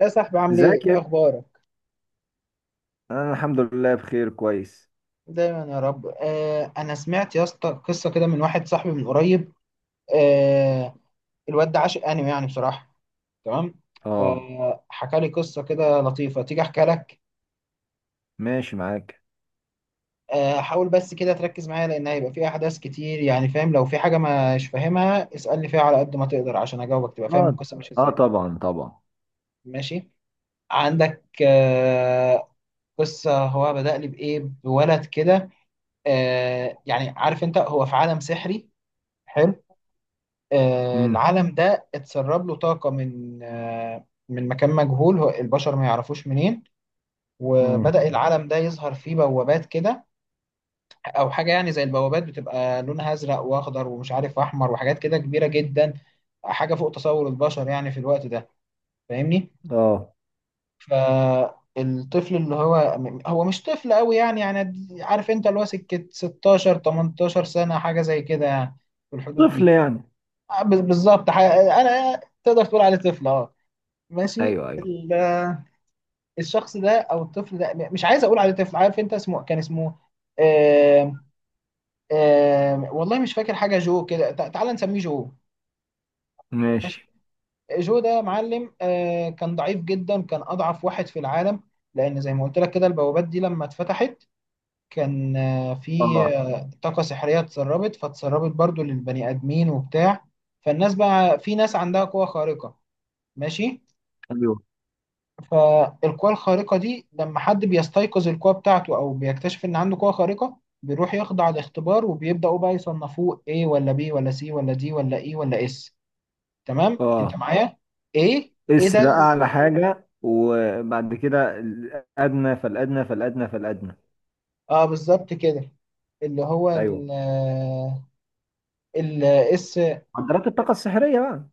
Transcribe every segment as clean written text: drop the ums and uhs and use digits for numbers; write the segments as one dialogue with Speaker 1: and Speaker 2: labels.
Speaker 1: يا صاحبي عامل ايه؟
Speaker 2: ازيك يا
Speaker 1: إيه
Speaker 2: ابني؟
Speaker 1: اخبارك؟
Speaker 2: انا الحمد لله بخير كويس.
Speaker 1: دايما يا رب. انا سمعت يا اسطى قصه كده من واحد صاحبي من قريب. آه الواد ده عاشق انمي يعني بصراحه. تمام،
Speaker 2: اه.
Speaker 1: فحكى لي قصه كده لطيفه، تيجي احكي لك.
Speaker 2: ماشي معاك.
Speaker 1: حاول بس كده تركز معايا، لان هيبقى في احداث كتير، يعني فاهم لو في حاجه مش فاهمها اسالني فيها على قد ما تقدر عشان اجاوبك تبقى فاهم
Speaker 2: اه.
Speaker 1: القصه ماشيه
Speaker 2: اه،
Speaker 1: ازاي.
Speaker 2: طبعا طبعا.
Speaker 1: ماشي، عندك قصه. هو بدأ لي بايه؟ بولد كده، يعني عارف انت، هو في عالم سحري. حلو،
Speaker 2: امم.
Speaker 1: العالم ده اتسرب له طاقة من من مكان مجهول البشر ما يعرفوش منين.
Speaker 2: امم.
Speaker 1: وبدأ العالم ده يظهر فيه بوابات كده، أو حاجة يعني زي البوابات، بتبقى لونها أزرق وأخضر ومش عارف أحمر وحاجات كده كبيرة جدا، حاجة فوق تصور البشر يعني في الوقت ده. فاهمني؟
Speaker 2: اه.
Speaker 1: فالطفل اللي هو، هو مش طفل قوي يعني عارف أنت اللي هو سكة 16 18 سنة حاجة زي كده يعني، في الحدود
Speaker 2: طفل
Speaker 1: دي.
Speaker 2: يعني.
Speaker 1: بالظبط، أنا تقدر تقول عليه طفل اه. ماشي،
Speaker 2: ايوه ايوه.
Speaker 1: الشخص ده او الطفل ده مش عايز اقول عليه طفل. عارف انت اسمه كان اسمه آم، آم، والله مش فاكر حاجه. جو كده، تعال نسميه جو. ماشي،
Speaker 2: ماشي.
Speaker 1: جو ده معلم، كان ضعيف جدا، كان اضعف واحد في العالم. لان زي ما قلت لك كده البوابات دي لما اتفتحت كان آه، في
Speaker 2: اه.
Speaker 1: آه، طاقه سحريه اتسربت، فاتسربت برضو للبني ادمين وبتاع. فالناس بقى في ناس عندها قوه خارقه. ماشي،
Speaker 2: ايوه.
Speaker 1: فالقوى الخارقة دي لما حد بيستيقظ القوة بتاعته أو بيكتشف إن عنده قوة خارقة بيروح يخضع لاختبار، وبيبدأوا بقى يصنفوه A ولا B ولا C ولا D ولا E ولا S. تمام؟ أنت
Speaker 2: اه،
Speaker 1: معايا؟ A، إيه
Speaker 2: اس
Speaker 1: ده
Speaker 2: ده اعلى حاجة وبعد كده الادنى فالادنى فالادنى فالادنى.
Speaker 1: اه بالظبط كده. اللي هو
Speaker 2: ايوه،
Speaker 1: ال، ال اس،
Speaker 2: معدلات الطاقة السحرية بقى.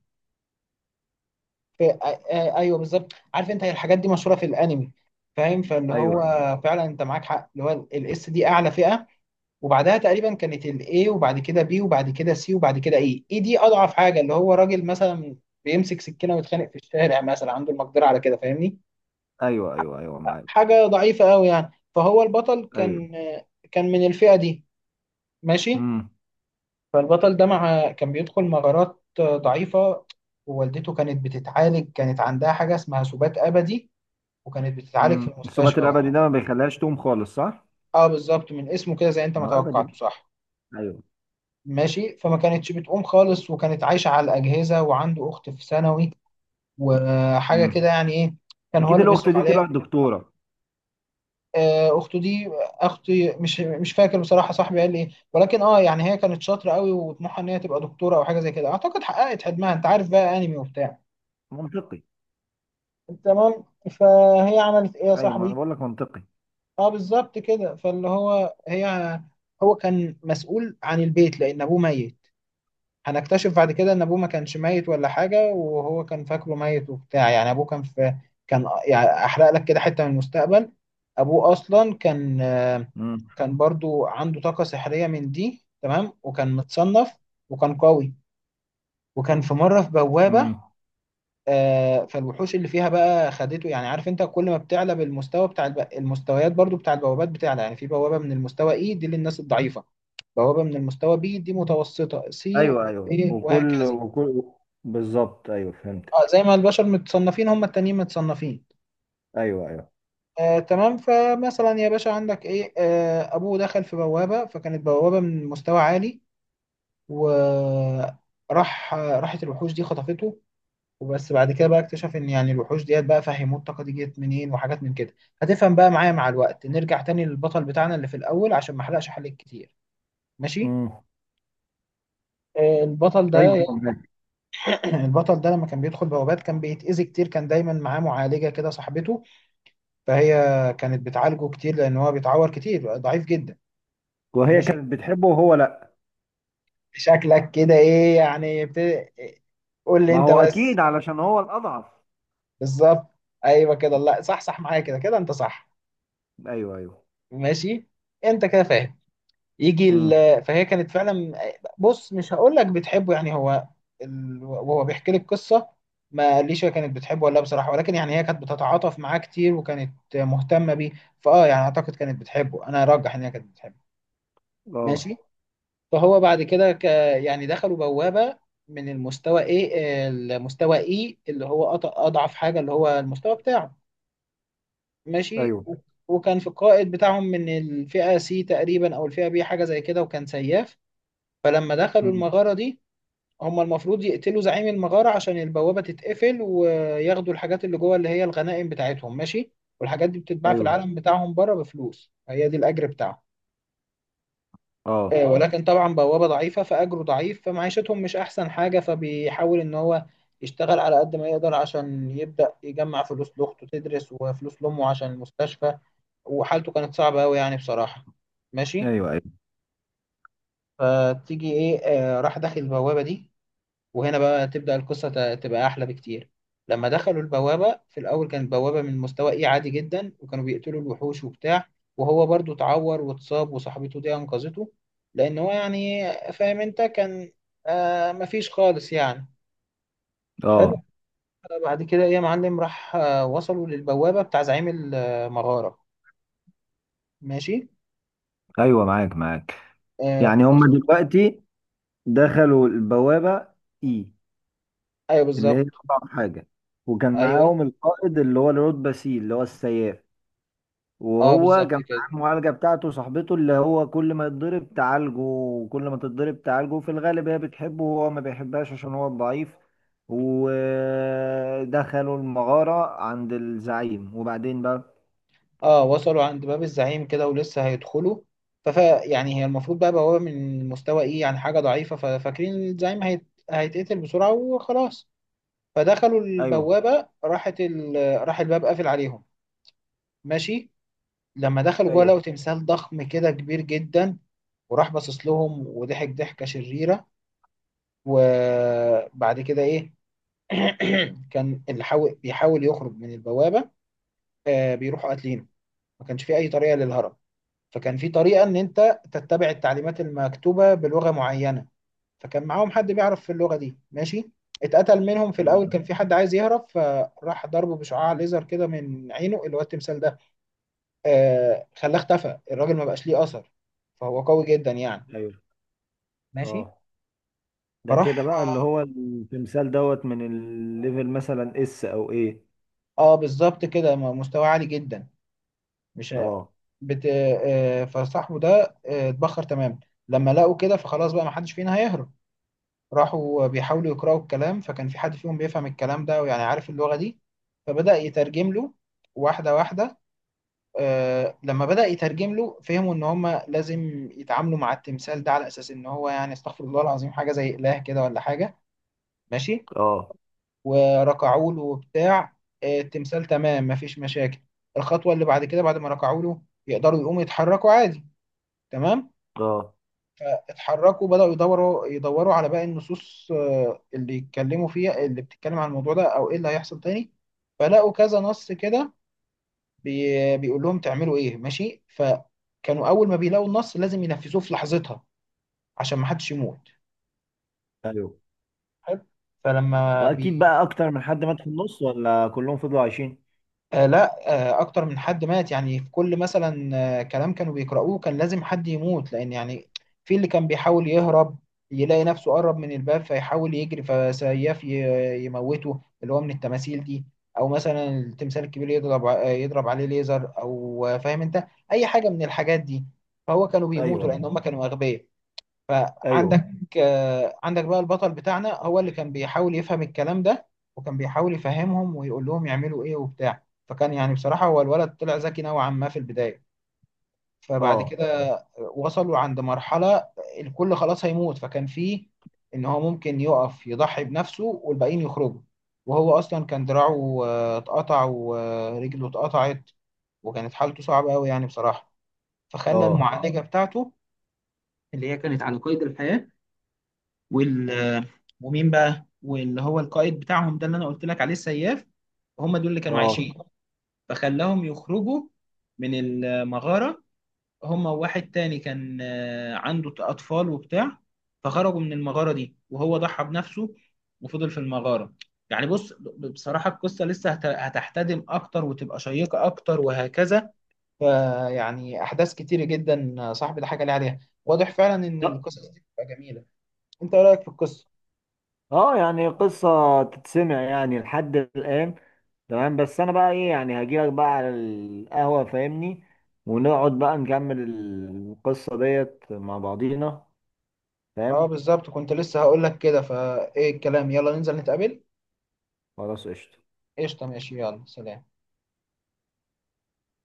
Speaker 1: في ايوه بالظبط، عارف انت هي الحاجات دي مشهوره في الانمي. فاهم؟ فاللي هو
Speaker 2: ايوه
Speaker 1: فعلا انت معاك حق، اللي هو الاس دي اعلى فئه، وبعدها تقريبا كانت الاي، وبعد كده بي، وبعد كده سي، وبعد كده اي. اي دي اضعف حاجه، اللي هو راجل مثلا بيمسك سكينه ويتخانق في الشارع مثلا عنده المقدره على كده، فاهمني؟
Speaker 2: ايوه ايوه ايوه معاك.
Speaker 1: حاجه ضعيفه قوي يعني. فهو البطل
Speaker 2: ايوه.
Speaker 1: كان، كان من الفئه دي. ماشي،
Speaker 2: امم.
Speaker 1: فالبطل ده مع كان بيدخل مغارات ضعيفه، ووالدته كانت بتتعالج، كانت عندها حاجه اسمها سبات ابدي، وكانت بتتعالج في
Speaker 2: الثبات
Speaker 1: المستشفى.
Speaker 2: الابدي ده ما بيخليهاش تقوم خالص صح؟
Speaker 1: اه بالظبط، من اسمه كده، زي انت
Speaker 2: ما
Speaker 1: ما
Speaker 2: هو ابدي.
Speaker 1: توقعته صح.
Speaker 2: ايوه.
Speaker 1: ماشي، فما كانتش بتقوم خالص، وكانت عايشة على الأجهزة، وعنده أخت في ثانوي وحاجة
Speaker 2: مم.
Speaker 1: كده يعني إيه. كان هو
Speaker 2: اكيد
Speaker 1: اللي
Speaker 2: الاخت
Speaker 1: بيصرف
Speaker 2: دي طلعت
Speaker 1: عليه.
Speaker 2: دكتوره.
Speaker 1: أخته دي، أختي مش فاكر بصراحة صاحبي قال لي إيه، ولكن أه يعني هي كانت شاطرة قوي وطموحها إن هي تبقى دكتورة أو حاجة زي كده، أعتقد حققت حلمها. أنت عارف بقى أنمي وبتاع.
Speaker 2: منطقي.
Speaker 1: تمام، فهي عملت إيه يا
Speaker 2: ايوه، ما انا
Speaker 1: صاحبي؟
Speaker 2: بقول لك منطقي.
Speaker 1: أه بالظبط كده. فاللي هو هي، هو كان مسؤول عن البيت لأن أبوه ميت. هنكتشف بعد كده ان ابوه ما كانش ميت ولا حاجه، وهو كان فاكره ميت وبتاع. يعني ابوه كان في، كان يعني احرق لك كده حته من المستقبل. ابوه اصلا كان،
Speaker 2: امم.
Speaker 1: كان برضو عنده طاقه سحريه من دي، تمام، وكان متصنف وكان قوي، وكان في مره في بوابه.
Speaker 2: امم.
Speaker 1: فالوحوش اللي فيها بقى خدته. يعني عارف انت، كل ما بتعلى بالمستوى بتاع المستويات، برضو بتاع البوابات بتعلى، يعني في بوابه من المستوى اي دي للناس الضعيفه، بوابه من المستوى بي دي متوسطه، سي
Speaker 2: ايوه ايوه
Speaker 1: ايه،
Speaker 2: وكل
Speaker 1: وهكذا.
Speaker 2: وكل بالظبط. ايوه
Speaker 1: اه،
Speaker 2: فهمتك.
Speaker 1: زي ما البشر متصنفين هم التانيين متصنفين.
Speaker 2: ايوه ايوه.
Speaker 1: تمام. فمثلا يا باشا، عندك ايه، ابوه دخل في بوابة، فكانت بوابة من مستوى عالي، وراح راحت الوحوش دي خطفته. وبس بعد كده بقى اكتشف ان يعني الوحوش ديت بقى فهموه الطاقة دي جت منين، وحاجات من كده هتفهم بقى معايا مع الوقت. نرجع تاني للبطل بتاعنا اللي في الاول عشان ما احرقش حلقة كتير. ماشي،
Speaker 2: امم.
Speaker 1: البطل
Speaker 2: ايوه
Speaker 1: ده.
Speaker 2: ايوه معاك.
Speaker 1: البطل ده لما كان بيدخل بوابات كان بيتأذي كتير. كان دايما معاه معالجة كده، صاحبته. فهي كانت بتعالجه كتير لان هو بيتعور كتير، ضعيف جدا.
Speaker 2: وهي
Speaker 1: ماشي،
Speaker 2: كانت بتحبه وهو لا.
Speaker 1: شكلك كده ايه يعني قول لي
Speaker 2: ما
Speaker 1: انت
Speaker 2: هو
Speaker 1: بس.
Speaker 2: اكيد علشان هو الاضعف.
Speaker 1: بالظبط، ايوه كده، لا صح، صح، معايا كده كده، انت صح.
Speaker 2: ايوه ايوه.
Speaker 1: ماشي، انت كده فاهم. يجي
Speaker 2: امم.
Speaker 1: فهي كانت فعلا، بص مش هقول لك بتحبه يعني. هو وهو بيحكي لي القصه ما قاليش هي كانت بتحبه ولا لا بصراحه، ولكن يعني هي كانت بتتعاطف معاه كتير وكانت مهتمه بيه. فاه يعني اعتقد كانت بتحبه. انا ارجح ان هي كانت بتحبه. ماشي،
Speaker 2: اه.
Speaker 1: فهو بعد كده يعني دخلوا بوابة من المستوى ايه، المستوى اي، اللي هو اضعف حاجة، اللي هو المستوى بتاعه. ماشي،
Speaker 2: ايوه.
Speaker 1: وكان في القائد بتاعهم من الفئة سي تقريبا او الفئة بي حاجة زي كده، وكان سياف. فلما دخلوا
Speaker 2: امم.
Speaker 1: المغارة دي، هم المفروض يقتلوا زعيم المغارة عشان البوابة تتقفل، وياخدوا الحاجات اللي جوه اللي هي الغنائم بتاعتهم، ماشي. والحاجات دي بتتباع في
Speaker 2: ايوه.
Speaker 1: العالم بتاعهم بره بفلوس، هي دي الأجر بتاعهم.
Speaker 2: اه.
Speaker 1: ولكن طبعا بوابة ضعيفة فأجره ضعيف، فمعيشتهم مش أحسن حاجة. فبيحاول إن هو يشتغل على قد ما يقدر عشان يبدأ يجمع فلوس لأخته تدرس، وفلوس لأمه عشان المستشفى. وحالته كانت صعبة أوي يعني بصراحة. ماشي،
Speaker 2: ايوه ايوه.
Speaker 1: فتيجي إيه، راح داخل البوابة دي. وهنا بقى تبدأ القصة تبقى أحلى بكتير. لما دخلوا البوابة في الأول كانت بوابة من مستوى إيه، عادي جدا، وكانوا بيقتلوا الوحوش وبتاع. وهو برضو اتعور واتصاب وصاحبته دي أنقذته، لأن هو يعني فاهم أنت كان مفيش خالص يعني. حلو.
Speaker 2: اه.
Speaker 1: بعد كده إيه يا معلم، راح وصلوا للبوابة بتاع زعيم المغارة. ماشي،
Speaker 2: ايوه معاك معاك. يعني هما
Speaker 1: وصل.
Speaker 2: دلوقتي دخلوا البوابه اي
Speaker 1: أيوه
Speaker 2: اللي هي
Speaker 1: بالظبط.
Speaker 2: أصعب حاجة، وكان
Speaker 1: أيوه
Speaker 2: معاهم القائد اللي هو الرود باسيل اللي هو السياف،
Speaker 1: أه
Speaker 2: وهو
Speaker 1: بالظبط
Speaker 2: كان
Speaker 1: كده.
Speaker 2: معاه المعالجة بتاعته صاحبته اللي هو كل ما يتضرب تعالجه وكل ما تتضرب تعالجه. في الغالب هي بتحبه وهو ما بيحبهاش عشان هو ضعيف. ودخلوا المغارة عند الزعيم وبعدين بقى.
Speaker 1: اه وصلوا عند باب الزعيم كده ولسه هيدخلوا. فف يعني هي المفروض بقى بوابة من مستوى ايه، يعني حاجة ضعيفة، ففاكرين الزعيم هيتقتل بسرعة وخلاص. فدخلوا
Speaker 2: ايوه
Speaker 1: البوابة راحت راح الباب قافل عليهم. ماشي، لما دخلوا جوه لقوا
Speaker 2: ايوه
Speaker 1: تمثال ضخم كده كبير جدا، وراح باصص لهم وضحك ضحكة شريرة. وبعد كده ايه. كان اللي حاول بيحاول يخرج من البوابة بيروحوا قاتلينه. ما كانش في اي طريقة للهرب. فكان في طريقة إن أنت تتبع التعليمات المكتوبة بلغة معينة، فكان معاهم حد بيعرف في اللغة دي. ماشي، اتقتل منهم في الأول، كان في حد عايز يهرب فراح ضربه بشعاع ليزر كده من عينه، اللي هو التمثال ده. خلاه اختفى الراجل، ما بقاش ليه أثر. فهو قوي جدا يعني.
Speaker 2: ايوه.
Speaker 1: ماشي،
Speaker 2: اه، ده كده
Speaker 1: فراح
Speaker 2: بقى اللي هو التمثال دوت من الليفل مثلا اس او ايه.
Speaker 1: اه بالظبط كده، مستوى عالي جدا، مش
Speaker 2: اه.
Speaker 1: بت... فصاحبه ده اتبخر تمام. لما لقوا كده فخلاص بقى ما حدش فينا هيهرب. راحوا بيحاولوا يقرأوا الكلام، فكان في حد فيهم بيفهم الكلام ده، ويعني عارف اللغة دي، فبدأ يترجم له واحدة واحدة. لما بدأ يترجم له فهموا إن هما لازم يتعاملوا مع التمثال ده على أساس إن هو يعني، استغفر الله العظيم، حاجة زي إله كده ولا حاجة. ماشي،
Speaker 2: اه.
Speaker 1: وركعوا له وبتاع. التمثال تمام مفيش مشاكل. الخطوة اللي بعد كده بعد ما ركعوا له، يقدروا يقوموا يتحركوا عادي. تمام،
Speaker 2: اه.
Speaker 1: اتحركوا، بدأوا يدوروا على باقي النصوص، اللي يتكلموا فيها، اللي بتتكلم عن الموضوع ده او ايه اللي هيحصل تاني. فلقوا كذا نص كده بي بيقول لهم تعملوا ايه، ماشي. فكانوا اول ما بيلاقوا النص لازم ينفذوه في لحظتها، عشان ما حدش يموت.
Speaker 2: ايوه،
Speaker 1: حلو، فلما بي
Speaker 2: واكيد بقى اكتر من حد مات في النص ولا كلهم فضلوا عايشين.
Speaker 1: لا، اكتر من حد مات يعني. في كل مثلا كلام كانوا بيقرأوه كان لازم حد يموت، لان يعني في اللي كان بيحاول يهرب، يلاقي نفسه قرب من الباب فيحاول يجري، فسياف يموته، اللي هو من التماثيل دي. او مثلا التمثال الكبير يضرب يضرب عليه ليزر، او فاهم انت اي حاجة من الحاجات دي. فهو كانوا
Speaker 2: ايوه
Speaker 1: بيموتوا
Speaker 2: ايوه
Speaker 1: لان هم كانوا اغبياء.
Speaker 2: ايوه.
Speaker 1: فعندك عندك بقى البطل بتاعنا هو اللي كان بيحاول يفهم الكلام ده، وكان بيحاول يفهمهم ويقول لهم يعملوا ايه وبتاع. فكان يعني بصراحة هو الولد طلع ذكي نوعا ما في البداية. فبعد
Speaker 2: اه.
Speaker 1: كده وصلوا عند مرحلة الكل خلاص هيموت، فكان فيه ان هو ممكن يقف يضحي بنفسه والباقيين يخرجوا. وهو اصلا كان دراعه اتقطع، ورجله اتقطعت، وكانت حالته صعبة قوي يعني بصراحة. فخلى
Speaker 2: اه.
Speaker 1: المعالجة بتاعته اللي هي كانت على قيد الحياة، وال ومين بقى واللي هو القائد بتاعهم ده اللي انا قلت لك عليه السياف، هم دول اللي كانوا
Speaker 2: اه.
Speaker 1: عايشين. فخلاهم يخرجوا من المغارة، هم وواحد تاني كان عنده أطفال وبتاع. فخرجوا من المغارة دي وهو ضحى بنفسه، وفضل في المغارة. يعني بص بصراحة القصة لسه هتحتدم أكتر وتبقى شيقة أكتر وهكذا. فيعني أحداث كتيرة جدا صاحبي ده حاجة ليه عليها. واضح فعلا إن
Speaker 2: لا.
Speaker 1: القصص دي بتبقى جميلة. أنت إيه رأيك في القصة؟
Speaker 2: اه يعني قصة تتسمع يعني لحد الآن. تمام، بس أنا بقى إيه يعني هجيلك بقى على القهوة فاهمني. ونقعد بقى نكمل القصة ديت مع بعضينا.
Speaker 1: اه
Speaker 2: فاهم.
Speaker 1: بالظبط كنت لسه هقول لك كده. فايه الكلام، يلا ننزل نتقابل.
Speaker 2: خلاص قشطة.
Speaker 1: قشطة، ماشي، يلا سلام.